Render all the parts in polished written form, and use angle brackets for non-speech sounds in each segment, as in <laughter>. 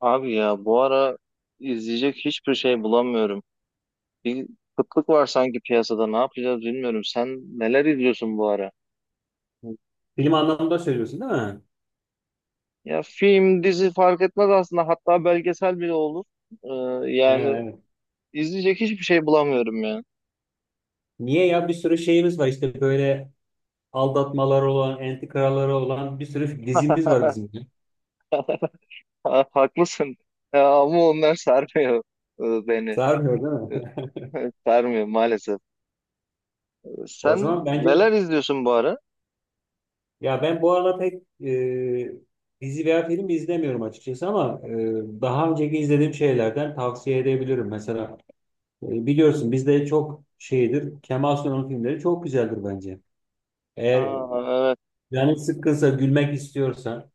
Abi ya bu ara izleyecek hiçbir şey bulamıyorum. Bir kıtlık var sanki piyasada. Ne yapacağız bilmiyorum. Sen neler izliyorsun bu ara? Film anlamında söylüyorsun değil mi? Ya film, dizi fark etmez aslında. Hatta belgesel bile olur. Ee, Ha, yani evet. izleyecek hiçbir şey bulamıyorum ya. Niye ya bir sürü şeyimiz var işte böyle aldatmalar olan, entrikalar olan bir sürü dizimiz var <laughs> bizim. Ha, haklısın. Ya ama onlar sarmıyor beni. Sarmıyor değil mi? <laughs> Sarmıyor maalesef. <laughs> O Sen zaman bence neler izliyorsun bu ara? ya ben bu arada pek e, dizi veya film izlemiyorum açıkçası ama daha önceki izlediğim şeylerden tavsiye edebilirim. Mesela biliyorsun bizde çok şeydir Kemal Sunal'ın filmleri çok güzeldir bence. Eğer Ha, canın sıkkınsa gülmek istiyorsan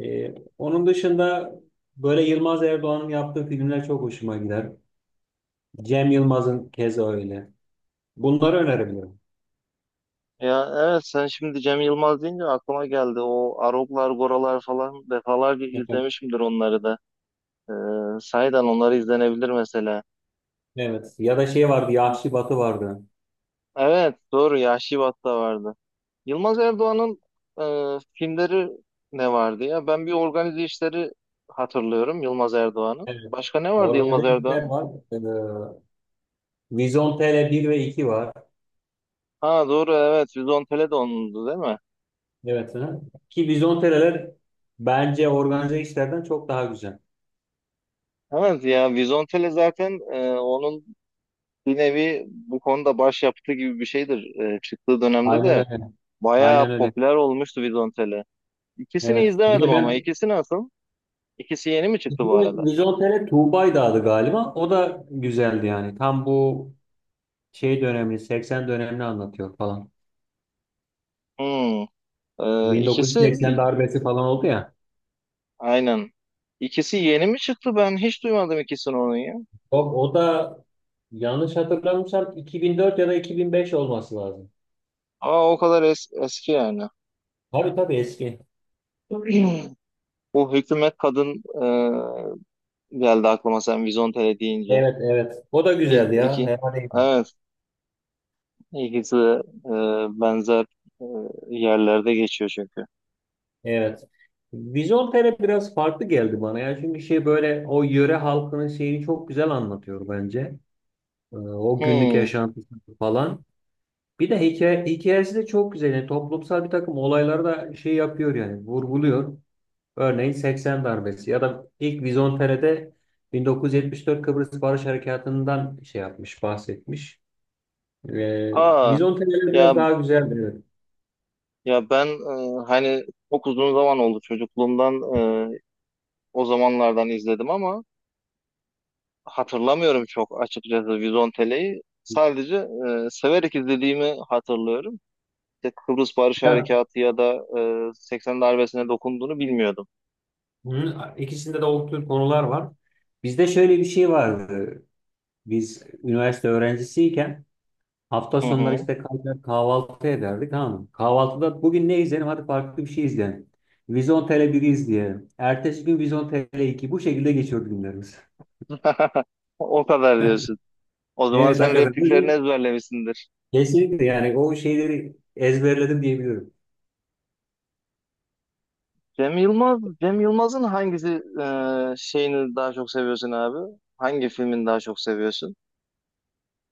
Onun dışında böyle Yılmaz Erdoğan'ın yaptığı filmler çok hoşuma gider. Cem Yılmaz'ın keza öyle. Bunları önerebilirim. ya evet sen şimdi Cem Yılmaz deyince aklıma geldi. O Aroglar, Goralar falan defalarca Evet. izlemişimdir onları da. Sahiden onları izlenebilir mesela. Evet. Ya da şey vardı, Yahşi Batı vardı. Evet, doğru Yahşi Bat'ta vardı. Yılmaz Erdoğan'ın filmleri ne vardı ya? Ben bir organize işleri hatırlıyorum Yılmaz Erdoğan'ın. Evet. Başka ne vardı Yılmaz Organize işler Erdoğan'ın? var. Ee, Vizyon bir ve 2 var. Ha, doğru, evet Vizontele de onundu değil mi? Evet. Hı. Ki Vizyon TL'ler bence organize işlerden çok daha güzel. Evet ya, Vizontele zaten onun bir nevi bu konuda başyapıtı gibi bir şeydir. Çıktığı dönemde Aynen de öyle. Aynen bayağı öyle. popüler olmuştu Vizontele. İkisini Evet. Bir izlemedim de ama ben ikisi nasıl? İkisi yeni mi çıktı bu arada? Vizyon TL Tuğba'ydı adı galiba. O da güzeldi yani. Tam bu şey dönemini 80 dönemini anlatıyor falan. Hmm. İkisi 1980 darbesi falan oldu ya. aynen. İkisi yeni mi çıktı? Ben hiç duymadım ikisini onun ya. O da yanlış hatırlamıyorsam 2004 ya da 2005 olması lazım. Aa, o kadar eski yani. Tabii tabii eski. <clears throat> Bu hükümet kadın geldi aklıma sen Vizontele deyince. Evet, evet. O da güzeldi İ- ya. iki. Fena değildi. Evet, ikisi de, benzer e, yerlerde geçiyor çünkü. Evet. Vizontele biraz farklı geldi bana ya. Çünkü şey böyle o yöre halkının şeyini çok güzel anlatıyor bence. O günlük Hmm. yaşantısı falan. Bir de hikayesi de çok güzel. Yani toplumsal bir takım olayları da şey yapıyor yani vurguluyor. Örneğin 80 darbesi ya da ilk Vizontere'de 1974 Kıbrıs Barış Harekatı'ndan şey yapmış, bahsetmiş. Ee, Aa, Vizontere'ler ya biraz daha güzeldir. Evet. ya ben hani çok uzun zaman oldu çocukluğumdan, e, o zamanlardan izledim ama hatırlamıyorum çok açıkçası Vizontele'yi. Sadece severek izlediğimi hatırlıyorum. İşte Kıbrıs Barış Ya, Harekatı ya da 80 darbesine dokunduğunu bilmiyordum. hı, ikisinde de o konular var. Bizde şöyle bir şey vardı. Biz üniversite öğrencisiyken hafta Hı sonları hı. işte kalkar kahvaltı ederdik. Tamam mı? Kahvaltıda bugün ne izleyelim? Hadi farklı bir şey izleyelim. Vizontele 1 izleyelim. Ertesi gün Vizontele 2. Bu şekilde geçiyordu günlerimiz. <laughs> <laughs> O kadar diyorsun. O zaman Evet sen hakikaten. repliklerini ezberlemişsindir. Kesinlikle yani o şeyleri ezberledim diyebilirim. Cem Yılmaz'ın hangisi şeyini daha çok seviyorsun abi? Hangi filmini daha çok seviyorsun?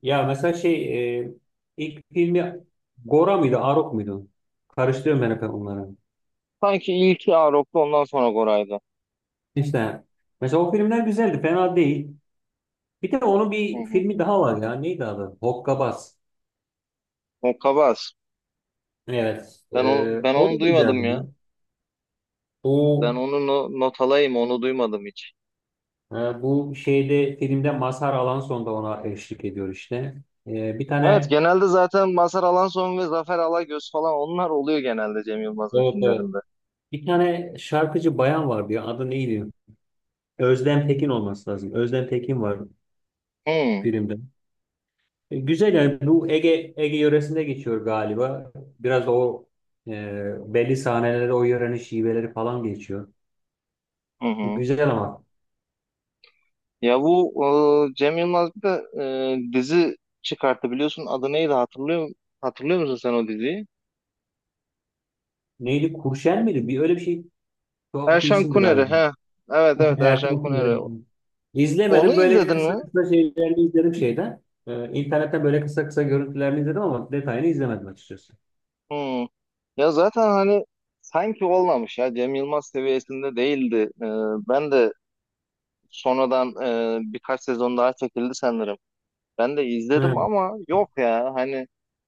Ya mesela şey ilk filmi Gora mıydı, Arok muydu? Karıştırıyorum ben hep onları. Sanki ilki Arok'tu, ondan sonra Goray'dı. İşte mesela o filmler güzeldi, fena değil. Bir de onun Hı bir hı. filmi daha var ya. Neydi adı? Hokkabaz. O Kabas. Evet. Ben onu, ben O onu da duymadım güzeldi ya. ya. Ben Bu onu not alayım, onu duymadım hiç. e, bu filmde Mazhar Alanson da ona eşlik ediyor işte. E, bir Evet, tane genelde zaten Mazhar Alanson ve Zafer Alagöz falan onlar oluyor genelde Cem Yılmaz'ın Evet, evet. filmlerinde. Bir tane şarkıcı bayan vardı ya. Adı neydi? Özlem Tekin olması lazım. Özlem Tekin var Hı hı. filmde. Güzel yani bu Ege yöresinde geçiyor galiba. Biraz o belli sahneleri o yörenin şiveleri falan geçiyor. Hı. Güzel ama. Ya bu Cem Yılmaz bir de dizi çıkarttı, biliyorsun adı neydi, hatırlıyor musun sen o diziyi? Neydi? Kurşen miydi? Bir öyle bir şey. Tuhaf bir Erşan isimdi Kuneri galiba. he. Evet, <laughs> evet Erşan Erkan Kuneri. Kuneri. Onu İzlemedim. Böyle izledin kısa mi? kısa şeylerini izledim şeyden. İnternetten böyle kısa kısa görüntülerini izledim ama detayını izlemedim açıkçası. Hmm. Ya zaten hani sanki olmamış ya, Cem Yılmaz seviyesinde değildi. Ee, ben de sonradan, birkaç sezon daha çekildi sanırım. Ben de izledim Hı. ama yok ya, hani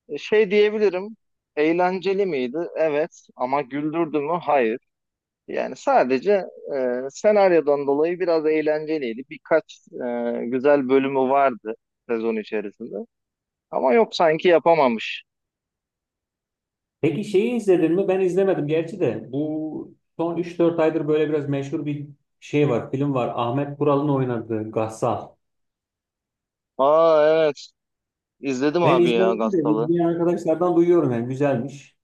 şey diyebilirim. Eğlenceli miydi? Evet. Ama güldürdü mü? Hayır. Yani sadece senaryodan dolayı biraz eğlenceliydi. Birkaç güzel bölümü vardı sezon içerisinde. Ama yok, sanki yapamamış. Peki şeyi izledin mi? Ben izlemedim gerçi de. Bu son üç dört aydır böyle biraz meşhur bir şey var, film var. Ahmet Kural'ın oynadığı Gassal. Aa, evet, izledim Ben abi ya izlemedim de Gastal'ı. izleyen arkadaşlardan duyuyorum yani güzelmiş.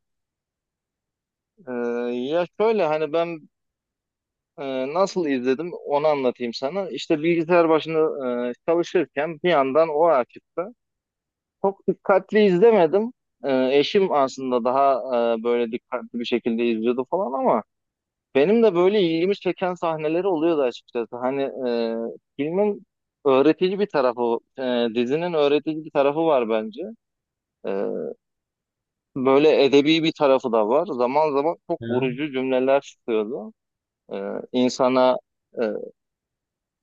Ee, ya şöyle hani ben, nasıl izledim onu anlatayım sana. İşte bilgisayar başında çalışırken bir yandan o açıktı. Çok dikkatli izlemedim. Eşim aslında daha böyle dikkatli bir şekilde izliyordu falan, ama benim de böyle ilgimi çeken sahneleri oluyordu açıkçası. Hani filmin öğretici bir tarafı, dizinin öğretici bir tarafı var bence. Ee, böyle edebi bir tarafı da var. Zaman zaman çok Hı. vurucu cümleler çıkıyordu. İnsana e,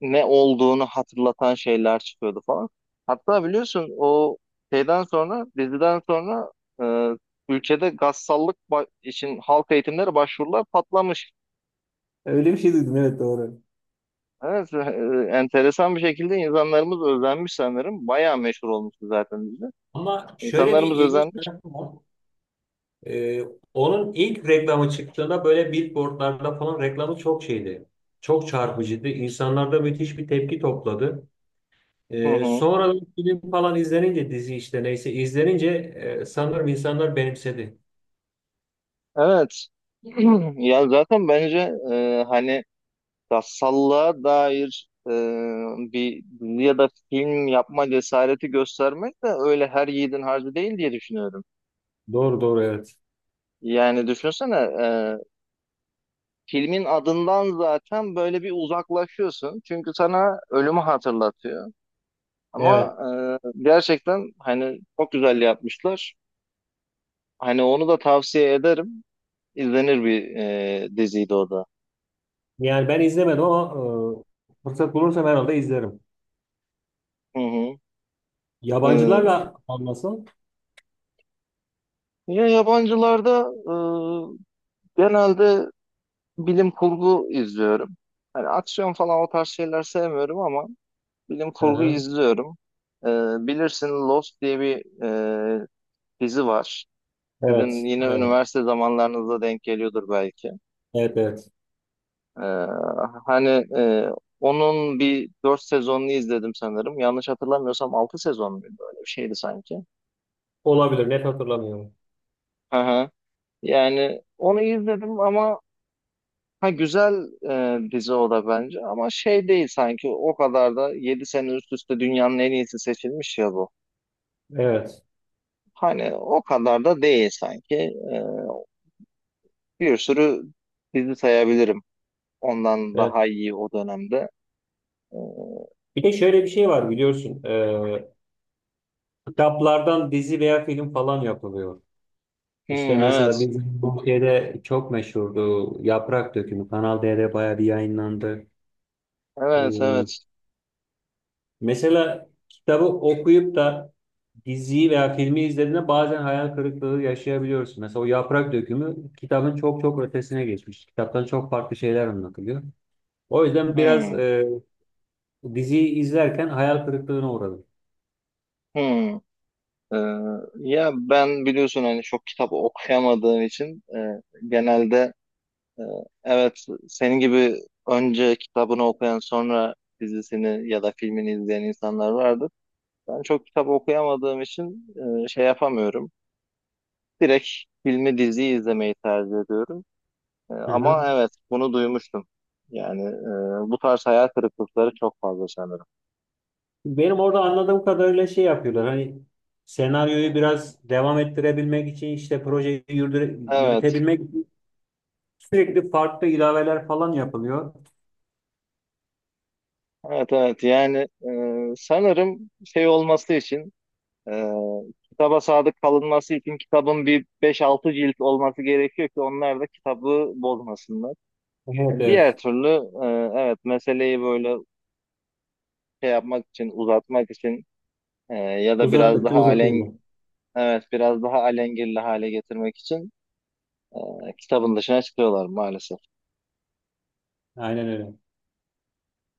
ne olduğunu hatırlatan şeyler çıkıyordu falan. Hatta biliyorsun o şeyden sonra, diziden sonra, e, ülkede gassallık için halk eğitimleri başvurular patlamış. Öyle bir şey duydum evet doğru. Evet, enteresan bir şekilde insanlarımız özenmiş sanırım. Bayağı meşhur olmuştu zaten dizi. Ama şöyle bir İnsanlarımız ilginç özenmiş. tarafı var. Ee, Onun ilk reklamı çıktığında böyle billboardlarda falan reklamı çok şeydi. Çok çarpıcıydı. İnsanlarda müthiş bir tepki topladı. Hı hı. Sonra bir film falan izlenince dizi işte neyse izlenince sanırım insanlar benimsedi. Evet. <clears throat> Ya zaten bence, hani Gassallığa dair, bir dizi ya da film yapma cesareti göstermek de öyle her yiğidin harcı değil, diye düşünüyorum. Doğru doğru evet. Yani düşünsene, filmin adından zaten böyle bir uzaklaşıyorsun. Çünkü sana ölümü hatırlatıyor. Evet. Ama gerçekten hani çok güzel yapmışlar. Hani onu da tavsiye ederim. İzlenir bir diziydi o da. Yani ben izlemedim ama fırsat bulursam herhalde izlerim. Hı hı. E, Yabancılarla anlasın. ya, yabancılarda genelde bilim kurgu izliyorum. Hani aksiyon falan, o tarz şeyler sevmiyorum ama bilim Hı kurgu hı. izliyorum. Ee, bilirsin Lost diye bir, e, dizi var. Sizin Evet. yine Evet. üniversite zamanlarınıza denk geliyordur belki. Evet. Evet. Ee, hani, e, onun bir dört sezonunu izledim sanırım. Yanlış hatırlamıyorsam altı sezon muydu? Öyle bir şeydi sanki. Olabilir. Net hatırlamıyorum. Hı hı. Yani onu izledim ama, ha güzel dizi o da bence, ama şey değil sanki, o kadar da 7 sene üst üste dünyanın en iyisi seçilmiş ya bu. Evet. Hani o kadar da değil sanki. Bir sürü dizi sayabilirim ondan Evet. daha iyi o dönemde. E, Bir de şöyle bir şey var biliyorsun. Kitaplardan dizi veya film falan yapılıyor. İşte hmm, mesela evet, bizim Türkiye'de çok meşhurdu. Yaprak Dökümü. Kanal D'de bayağı bir yayınlandı. evet, Ee, evet. Mesela kitabı okuyup da diziyi veya filmi izlediğinde bazen hayal kırıklığı yaşayabiliyorsun. Mesela o Yaprak Dökümü kitabın çok çok ötesine geçmiş. Kitaptan çok farklı şeyler anlatılıyor. O yüzden biraz Hmm, diziyi izlerken hayal kırıklığına uğradım. hmm. E, ya ben biliyorsun hani çok kitap okuyamadığım için, genelde Ee, evet, senin gibi önce kitabını okuyan, sonra dizisini ya da filmini izleyen insanlar vardır. Ben çok kitap okuyamadığım için şey yapamıyorum. Direkt filmi, diziyi izlemeyi tercih ediyorum. Hı hı. Ama evet, bunu duymuştum. Yani bu tarz hayal kırıklıkları çok fazla sanırım. Benim orada anladığım kadarıyla şey yapıyorlar. Hani senaryoyu biraz devam ettirebilmek için işte projeyi Evet, yürütebilmek için sürekli farklı ilaveler falan yapılıyor. evet, evet. Yani sanırım şey olması için, Ee, kitaba sadık kalınması için kitabın bir beş altı cilt olması gerekiyor ki onlar da kitabı bozmasınlar. Evet, Yani diğer evet. türlü, e, evet, meseleyi böyle şey yapmak için, uzatmak için, ya da biraz Uzattıkça daha alen uzatıyorlar. evet, biraz daha alengirli hale getirmek için, kitabın dışına çıkıyorlar maalesef. Aynen öyle.